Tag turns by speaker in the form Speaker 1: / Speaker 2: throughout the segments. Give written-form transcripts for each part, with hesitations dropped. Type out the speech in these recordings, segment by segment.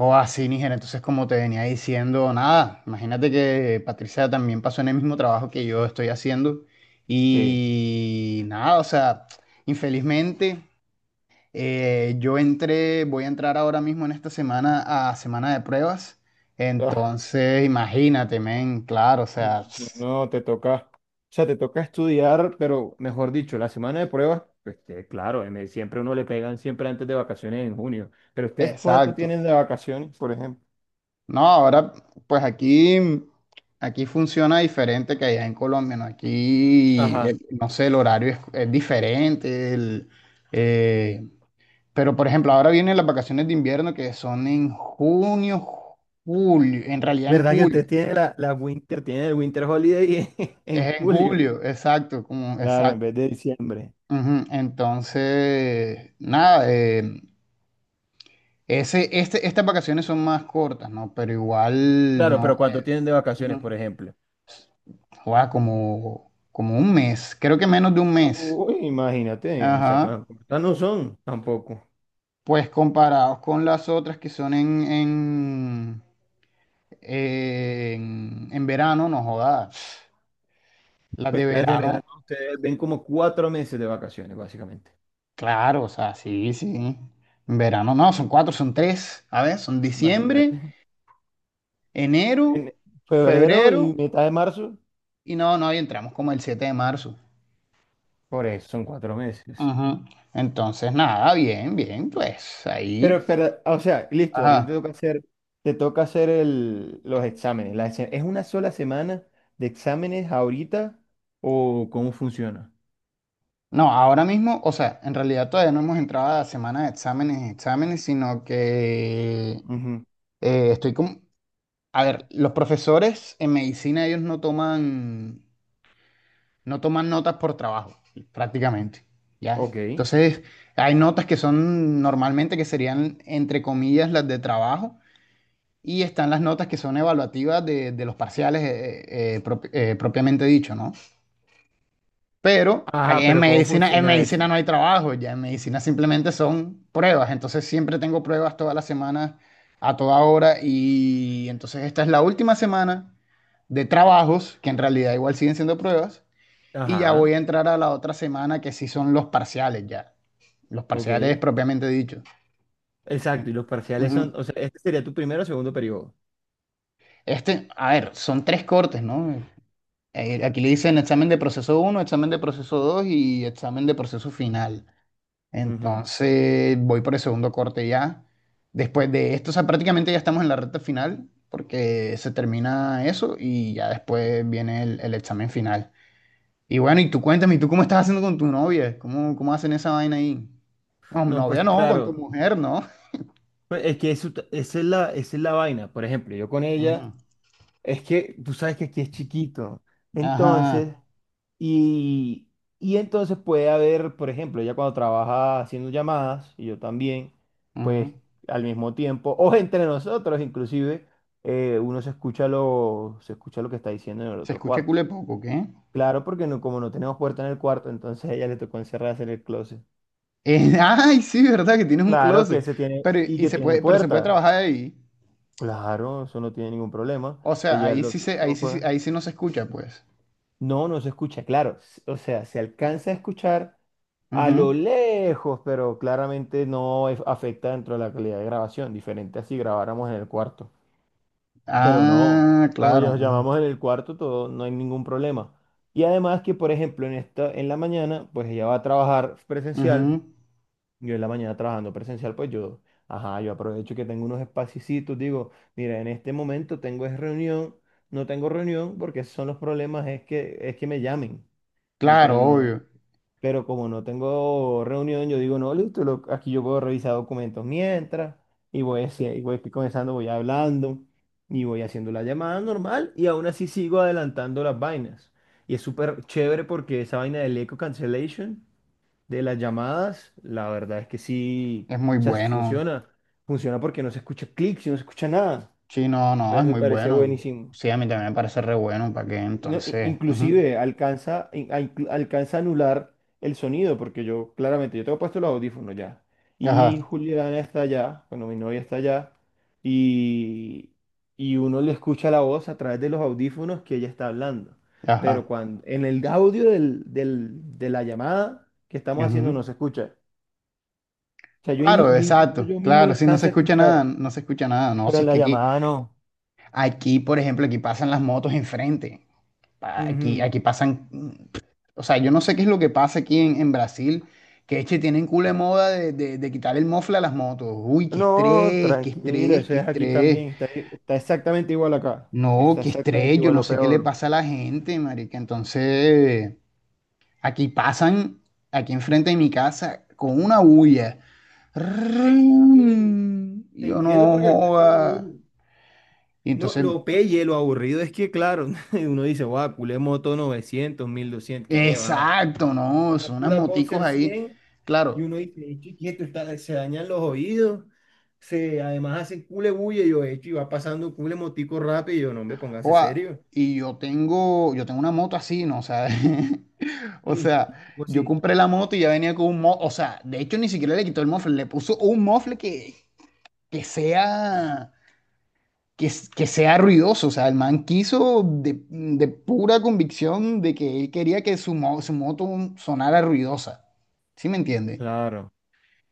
Speaker 1: O así, Níger. Entonces, como te venía diciendo, nada, imagínate que Patricia también pasó en el mismo trabajo que yo estoy haciendo.
Speaker 2: Sí.
Speaker 1: Y nada, o sea, infelizmente, yo entré, voy a entrar ahora mismo en esta semana a semana de pruebas.
Speaker 2: Ah,
Speaker 1: Entonces, imagínate, men, claro, o sea,
Speaker 2: no, no, te toca, o sea, te toca estudiar, pero mejor dicho, la semana de pruebas, pues, que, claro, siempre uno le pegan siempre antes de vacaciones en junio. Pero ustedes, ¿cuánto
Speaker 1: exacto,
Speaker 2: tienen de vacaciones, por ejemplo?
Speaker 1: no, ahora, pues aquí funciona diferente que allá en Colombia, ¿no? Aquí,
Speaker 2: Ajá.
Speaker 1: no sé, el horario es, diferente, eh, pero por ejemplo, ahora vienen las vacaciones de invierno que son en junio, julio, en realidad en
Speaker 2: ¿Verdad que
Speaker 1: julio,
Speaker 2: ustedes tienen la Winter, tienen el Winter Holiday en
Speaker 1: es en
Speaker 2: julio?
Speaker 1: julio, exacto, como,
Speaker 2: Claro, en
Speaker 1: exacto.
Speaker 2: vez de diciembre.
Speaker 1: Ujú, entonces, nada, estas vacaciones son más cortas, ¿no? Pero igual,
Speaker 2: Claro, pero
Speaker 1: no.
Speaker 2: ¿cuánto tienen de vacaciones,
Speaker 1: Ujú.
Speaker 2: por ejemplo?
Speaker 1: Guau, como un mes, creo que menos de un mes.
Speaker 2: Uy, imagínate, o sea,
Speaker 1: Ajá.
Speaker 2: cuántas no son tampoco.
Speaker 1: Pues comparados con las otras que son en verano, no jodas. Las
Speaker 2: Pues
Speaker 1: de
Speaker 2: las de
Speaker 1: verano,
Speaker 2: verano. Ustedes ven como cuatro meses de vacaciones, básicamente.
Speaker 1: claro, o sea, sí, sí. En verano no, son cuatro, son tres. A ver, son
Speaker 2: Imagínate.
Speaker 1: diciembre, enero,
Speaker 2: En febrero
Speaker 1: febrero
Speaker 2: y mitad de marzo,
Speaker 1: y no, no, y entramos como el 7 de marzo.
Speaker 2: por eso son cuatro meses.
Speaker 1: Ajá. Entonces, nada, bien, bien, pues
Speaker 2: Pero,
Speaker 1: ahí.
Speaker 2: pero, o sea, listo, a ti
Speaker 1: Ajá.
Speaker 2: te toca hacer los exámenes. ¿Es una sola semana de exámenes ahorita o cómo funciona?
Speaker 1: No, ahora mismo, o sea, en realidad todavía no hemos entrado a la semana de exámenes, y exámenes, sino que
Speaker 2: Ujú.
Speaker 1: estoy con... A ver, los profesores en medicina, ellos no toman notas por trabajo, prácticamente, ¿ya?
Speaker 2: Ok.
Speaker 1: Entonces, hay notas que son normalmente que serían, entre comillas, las de trabajo, y están las notas que son evaluativas de los parciales propiamente dicho, ¿no? Pero aquí
Speaker 2: Ajá, ¿pero cómo
Speaker 1: en
Speaker 2: funciona
Speaker 1: medicina
Speaker 2: eso?
Speaker 1: no hay trabajo, ya en medicina simplemente son pruebas. Entonces siempre tengo pruebas todas las semanas, a toda hora. Y entonces esta es la última semana de trabajos, que en realidad igual siguen siendo pruebas. Y ya voy
Speaker 2: Ajá,
Speaker 1: a entrar a la otra semana que sí son los parciales ya. Los parciales
Speaker 2: ok.
Speaker 1: propiamente dicho.
Speaker 2: Exacto, y los parciales
Speaker 1: Ujú.
Speaker 2: son, o sea, este sería tu primero o segundo periodo.
Speaker 1: Este, a ver, son tres cortes, ¿no? Aquí le dicen examen de proceso uno, examen de proceso 2 y examen de proceso final.
Speaker 2: Ujú.
Speaker 1: Entonces voy por el segundo corte ya. Después de esto, o sea, prácticamente ya estamos en la recta final porque se termina eso y ya después viene el examen final. Y bueno, y tú cuéntame, ¿y tú cómo estás haciendo con tu novia? ¿Cómo hacen esa vaina ahí? No,
Speaker 2: No, pues
Speaker 1: novia no, con tu
Speaker 2: claro,
Speaker 1: mujer, ¿no?
Speaker 2: pues es que eso, esa es la vaina. Por ejemplo, yo con
Speaker 1: Ujú.
Speaker 2: ella. Es que tú sabes que aquí es chiquito. Entonces,
Speaker 1: Ajá.
Speaker 2: y, y entonces puede haber, por ejemplo, ella cuando trabaja haciendo llamadas, y yo también,
Speaker 1: Ujú.
Speaker 2: pues al mismo tiempo, o entre nosotros inclusive, uno se escucha se escucha lo que está diciendo en el
Speaker 1: Se
Speaker 2: otro
Speaker 1: escucha
Speaker 2: cuarto.
Speaker 1: cule poco, ¿qué?
Speaker 2: Claro, porque no, como no tenemos puerta en el cuarto, entonces a ella le tocó encerrarse en el closet.
Speaker 1: Ay, sí, verdad que tienes un
Speaker 2: Claro que
Speaker 1: closet.
Speaker 2: se tiene,
Speaker 1: Pero,
Speaker 2: y que tiene
Speaker 1: pero se puede
Speaker 2: puerta.
Speaker 1: trabajar ahí.
Speaker 2: Claro, eso no tiene ningún
Speaker 1: O
Speaker 2: problema.
Speaker 1: sea,
Speaker 2: Ella
Speaker 1: ahí
Speaker 2: lo
Speaker 1: sí
Speaker 2: que
Speaker 1: se,
Speaker 2: hicimos fue.
Speaker 1: ahí sí no se escucha, pues.
Speaker 2: No, no se escucha, claro. O sea, se alcanza a escuchar a lo
Speaker 1: Ujú.
Speaker 2: lejos, pero claramente no afecta dentro de la calidad de grabación, diferente a si grabáramos en el cuarto. Pero no,
Speaker 1: Ah,
Speaker 2: como
Speaker 1: claro.
Speaker 2: ya nos
Speaker 1: Ujú,
Speaker 2: llamamos en el cuarto, todo, no hay ningún problema. Y además que, por ejemplo, en esta, en la mañana, pues ella va a trabajar presencial,
Speaker 1: ujú,
Speaker 2: yo en la mañana trabajando presencial, pues yo, ajá, yo aprovecho que tengo unos espacios, digo, mira, en este momento tengo es reunión, no tengo reunión, porque esos son los problemas, es que me llamen. Entonces
Speaker 1: claro,
Speaker 2: no,
Speaker 1: obvio.
Speaker 2: pero como no tengo reunión, yo digo, no, listo, aquí yo puedo revisar documentos mientras, y voy, y voy comenzando, voy hablando, y voy haciendo la llamada normal, y aún así sigo adelantando las vainas. Y es súper chévere porque esa vaina del eco cancellation de las llamadas, la verdad es que sí,
Speaker 1: Es muy
Speaker 2: o sea, sí
Speaker 1: bueno.
Speaker 2: funciona. Funciona porque no se escucha clic, si no se escucha nada.
Speaker 1: Sí, no, no, es
Speaker 2: Entonces me
Speaker 1: muy
Speaker 2: parece
Speaker 1: bueno.
Speaker 2: buenísimo.
Speaker 1: Sí, a mí también me parece re bueno, ¿para qué?
Speaker 2: No,
Speaker 1: Entonces, ujú,
Speaker 2: inclusive alcanza, alcanza a anular el sonido, porque yo claramente, yo tengo puesto los audífonos ya, y
Speaker 1: ajá,
Speaker 2: Juliana está allá, bueno, mi novia está allá, y, y uno le escucha la voz a través de los audífonos que ella está hablando. Pero
Speaker 1: ajá.
Speaker 2: cuando, en el audio de la llamada que estamos haciendo
Speaker 1: Ujú.
Speaker 2: no se escucha. O sea, yo,
Speaker 1: Claro,
Speaker 2: yo incluso
Speaker 1: exacto.
Speaker 2: yo mismo lo
Speaker 1: Claro, sí, no se
Speaker 2: alcanzo a
Speaker 1: escucha nada,
Speaker 2: escuchar,
Speaker 1: no se escucha nada. No,
Speaker 2: pero
Speaker 1: si
Speaker 2: en
Speaker 1: es
Speaker 2: la
Speaker 1: que
Speaker 2: llamada no.
Speaker 1: aquí, por ejemplo, aquí pasan las motos enfrente. Pa- Aquí,
Speaker 2: Ujú.
Speaker 1: aquí pasan, o sea, yo no sé qué es lo que pasa aquí en Brasil, que es que tienen culo de moda de, de quitar el mofle a las motos. Uy, qué
Speaker 2: No,
Speaker 1: estrés, qué
Speaker 2: tranquilo,
Speaker 1: estrés,
Speaker 2: eso
Speaker 1: qué
Speaker 2: es aquí
Speaker 1: estrés.
Speaker 2: también, está, está exactamente igual acá,
Speaker 1: No,
Speaker 2: está
Speaker 1: qué
Speaker 2: exactamente
Speaker 1: estrés, yo
Speaker 2: igual
Speaker 1: no
Speaker 2: o
Speaker 1: sé qué le
Speaker 2: peor.
Speaker 1: pasa a la gente, marica. Entonces, aquí pasan, aquí enfrente de mi casa, con una bulla.
Speaker 2: Sí,
Speaker 1: ¡Rin!
Speaker 2: te
Speaker 1: Yo
Speaker 2: entiendo
Speaker 1: no
Speaker 2: porque aquí hacen lo
Speaker 1: joda.
Speaker 2: mismo.
Speaker 1: Y
Speaker 2: No,
Speaker 1: entonces,
Speaker 2: lo pelle, lo aburrido es que, claro, uno dice, guau, culé moto 900, 1200, ¿qué va?
Speaker 1: exacto, no,
Speaker 2: Una
Speaker 1: son unas
Speaker 2: pura
Speaker 1: moticos
Speaker 2: boxer
Speaker 1: ahí.
Speaker 2: 100 y
Speaker 1: Claro,
Speaker 2: uno dice, "Ey, chiquito, se dañan los oídos, se, además hacen cule bulla, y yo, hecho, y va pasando un cule motico rápido, y yo, no me póngase
Speaker 1: joda,
Speaker 2: serio.
Speaker 1: y yo tengo una moto así, ¿no? O sea, o
Speaker 2: Mm,
Speaker 1: sea,
Speaker 2: pues
Speaker 1: yo
Speaker 2: sí.
Speaker 1: compré la moto y ya venía con un mofle. O sea, de hecho, ni siquiera le quitó el mofle, le puso un mofle que sea. Que sea ruidoso. O sea, el man quiso de pura convicción de que él quería que su moto sonara ruidosa. ¿Sí me entiende?
Speaker 2: Claro,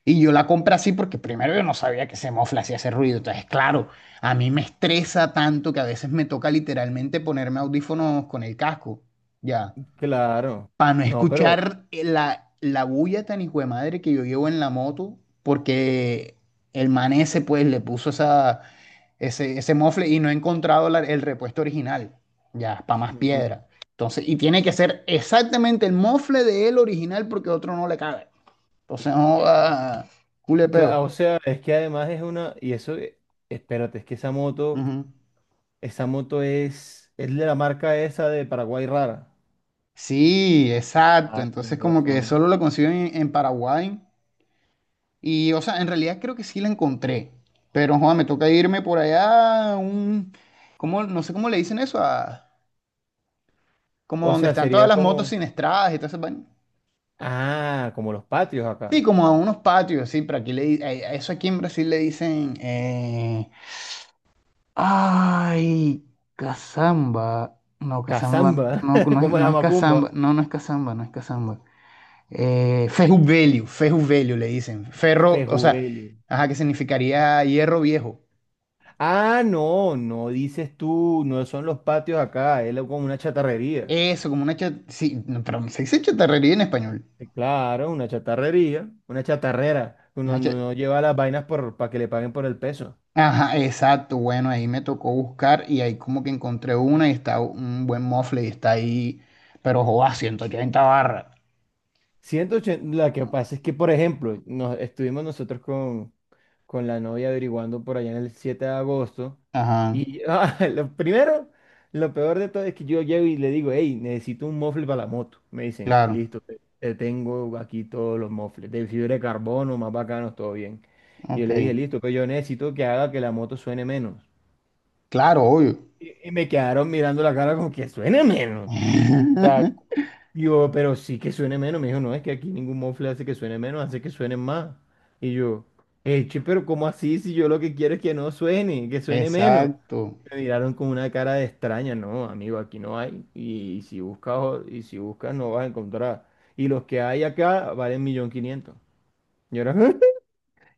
Speaker 1: Y yo la compré así porque primero yo no sabía que ese mofle hacía ese ruido. Entonces, claro, a mí me estresa tanto que a veces me toca literalmente ponerme audífonos con el casco. Ya
Speaker 2: claro.
Speaker 1: para no
Speaker 2: No, pero
Speaker 1: escuchar la, la bulla tan hijo de madre que yo llevo en la moto, porque el man ese pues le puso ese mofle y no he encontrado el repuesto original, ya, para más
Speaker 2: ujú.
Speaker 1: piedra. Entonces, y tiene que ser exactamente el mofle de él original porque otro no le cabe. Entonces, no, ah, culepeo.
Speaker 2: O sea, es que además es una, y eso, espérate, es que
Speaker 1: Ujú.
Speaker 2: esa moto es de la marca esa de Paraguay rara.
Speaker 1: Sí, exacto.
Speaker 2: Ah, con
Speaker 1: Entonces, como que
Speaker 2: razón.
Speaker 1: solo lo consiguen en Paraguay. Y, o sea, en realidad creo que sí la encontré. Pero, joder, me toca irme por allá a un... ¿Cómo? No sé cómo le dicen eso a... Como
Speaker 2: O
Speaker 1: donde
Speaker 2: sea,
Speaker 1: están todas
Speaker 2: sería
Speaker 1: las motos
Speaker 2: como,
Speaker 1: sin estradas y todo ese vaina.
Speaker 2: ah, como los patios
Speaker 1: Sí,
Speaker 2: acá.
Speaker 1: como a unos patios, sí, pero aquí a eso aquí en Brasil le dicen... ay, Cazamba. No, Cazamba.
Speaker 2: Cazamba,
Speaker 1: No,
Speaker 2: como
Speaker 1: no
Speaker 2: la
Speaker 1: es
Speaker 2: macumba.
Speaker 1: Cazamba. No, no es Cazamba, no es Cazamba. Ferro Velho, Ferro Velho le dicen. Ferro, o sea,
Speaker 2: Fejubelio.
Speaker 1: ajá, que significaría hierro viejo.
Speaker 2: Ah, no, no dices tú, no son los patios acá, como una chatarrería.
Speaker 1: Eso, como una chat. Sí, no, pero se dice chatarrería en español.
Speaker 2: Claro, una chatarrería, una chatarrera, cuando
Speaker 1: Una cha-
Speaker 2: no lleva las vainas por, para que le paguen por el peso.
Speaker 1: Ajá, exacto. Bueno, ahí me tocó buscar y ahí como que encontré una y está un buen mofle y está ahí, pero joda, 180 barras.
Speaker 2: 180, la que pasa es que, por ejemplo, nos, estuvimos nosotros con la novia averiguando por allá en el 7 de agosto.
Speaker 1: Ajá,
Speaker 2: Y ah, lo primero, lo peor de todo es que yo llego y le digo, hey, necesito un mofle para la moto. Me dicen,
Speaker 1: claro,
Speaker 2: listo, te tengo aquí todos los mofles, de fibra de carbono, más bacanos, todo bien. Y yo
Speaker 1: ok.
Speaker 2: le dije, listo, pero yo necesito que haga que la moto suene menos.
Speaker 1: Claro, obvio.
Speaker 2: Y me quedaron mirando la cara como que suene menos. Yo, pero sí que suene menos. Me dijo, no, es que aquí ningún mofle hace que suene menos, hace que suene más. Y yo, eche, pero ¿cómo así? Si yo lo que quiero es que no suene, que suene menos.
Speaker 1: Exacto.
Speaker 2: Me miraron con una cara de extraña. No, amigo, aquí no hay. Y, si buscas, y si buscas, no vas a encontrar. Y los que hay acá valen 1.500.000. Yo era,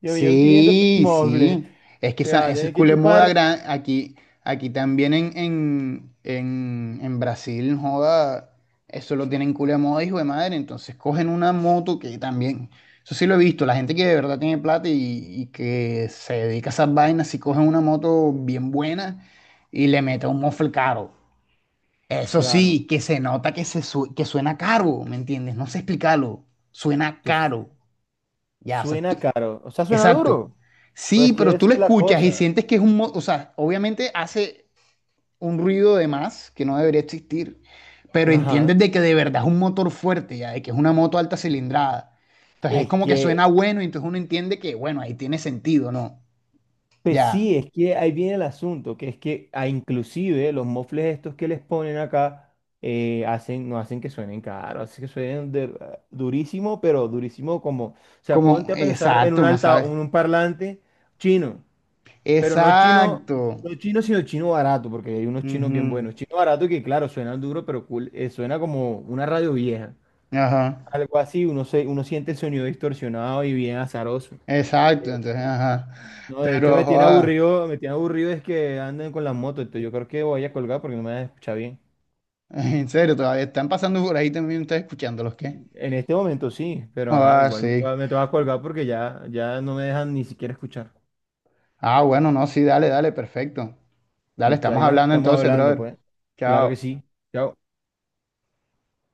Speaker 2: yo 1.500.000 por un
Speaker 1: Sí,
Speaker 2: mofle.
Speaker 1: sí. Es que
Speaker 2: Me va
Speaker 1: esa,
Speaker 2: a
Speaker 1: esa
Speaker 2: tener que
Speaker 1: escuela de moda
Speaker 2: chupar.
Speaker 1: gran, aquí, aquí también en, Brasil, joda, eso lo tienen culo de moda, hijo de madre. Entonces cogen una moto que también, eso sí lo he visto, la gente que de verdad tiene plata y que se dedica a esas vainas, si cogen una moto bien buena y le mete un mofle caro. Eso
Speaker 2: Claro,
Speaker 1: sí, que se nota que suena caro, ¿me entiendes? No sé explicarlo, suena
Speaker 2: que
Speaker 1: caro. Ya, o sea,
Speaker 2: suena caro. O sea, suena
Speaker 1: exacto.
Speaker 2: duro.
Speaker 1: Sí,
Speaker 2: Pues que
Speaker 1: pero tú
Speaker 2: esa
Speaker 1: lo
Speaker 2: es la
Speaker 1: escuchas y
Speaker 2: cosa.
Speaker 1: sientes que es o sea, obviamente hace un ruido de más que no debería existir, pero entiendes
Speaker 2: Ajá.
Speaker 1: de que de verdad es un motor fuerte, ya, de que es una moto alta cilindrada. Entonces es
Speaker 2: Es
Speaker 1: como que
Speaker 2: que
Speaker 1: suena bueno y entonces uno entiende que, bueno, ahí tiene sentido, ¿no?
Speaker 2: pues
Speaker 1: Ya,
Speaker 2: sí, es que ahí viene el asunto, que es que ah, inclusive los mofles estos que les ponen acá hacen, no hacen que suenen caro, hacen que suenen ah, durísimo, pero durísimo como, o sea,
Speaker 1: como,
Speaker 2: ponte a pensar en un
Speaker 1: exacto, ¿no
Speaker 2: alta,
Speaker 1: sabes?
Speaker 2: un parlante chino, pero no chino,
Speaker 1: Exacto.
Speaker 2: no chino, sino chino barato, porque hay unos chinos bien
Speaker 1: Ujú.
Speaker 2: buenos, chino barato que claro, suenan duro, pero cool, suena como una radio vieja,
Speaker 1: Ajá.
Speaker 2: algo así, uno, se, uno siente el sonido distorsionado y bien azaroso.
Speaker 1: Exacto, entonces, ajá.
Speaker 2: No, de hecho
Speaker 1: Pero, joda,
Speaker 2: me tiene aburrido es que anden con las motos, entonces yo creo que voy a colgar porque no me vas a escuchar bien.
Speaker 1: en serio, todavía están pasando por ahí también, ustedes escuchándolos, ¿qué?
Speaker 2: En este momento sí, pero ajá,
Speaker 1: Ah,
Speaker 2: igual
Speaker 1: sí.
Speaker 2: me toca colgar porque ya, ya no me dejan ni siquiera escuchar.
Speaker 1: Ah, bueno, no, sí, dale, dale, perfecto. Dale,
Speaker 2: Listo,
Speaker 1: estamos
Speaker 2: ahí nos
Speaker 1: hablando
Speaker 2: estamos
Speaker 1: entonces,
Speaker 2: hablando,
Speaker 1: brother.
Speaker 2: pues. Claro que
Speaker 1: Chao.
Speaker 2: sí. Chao.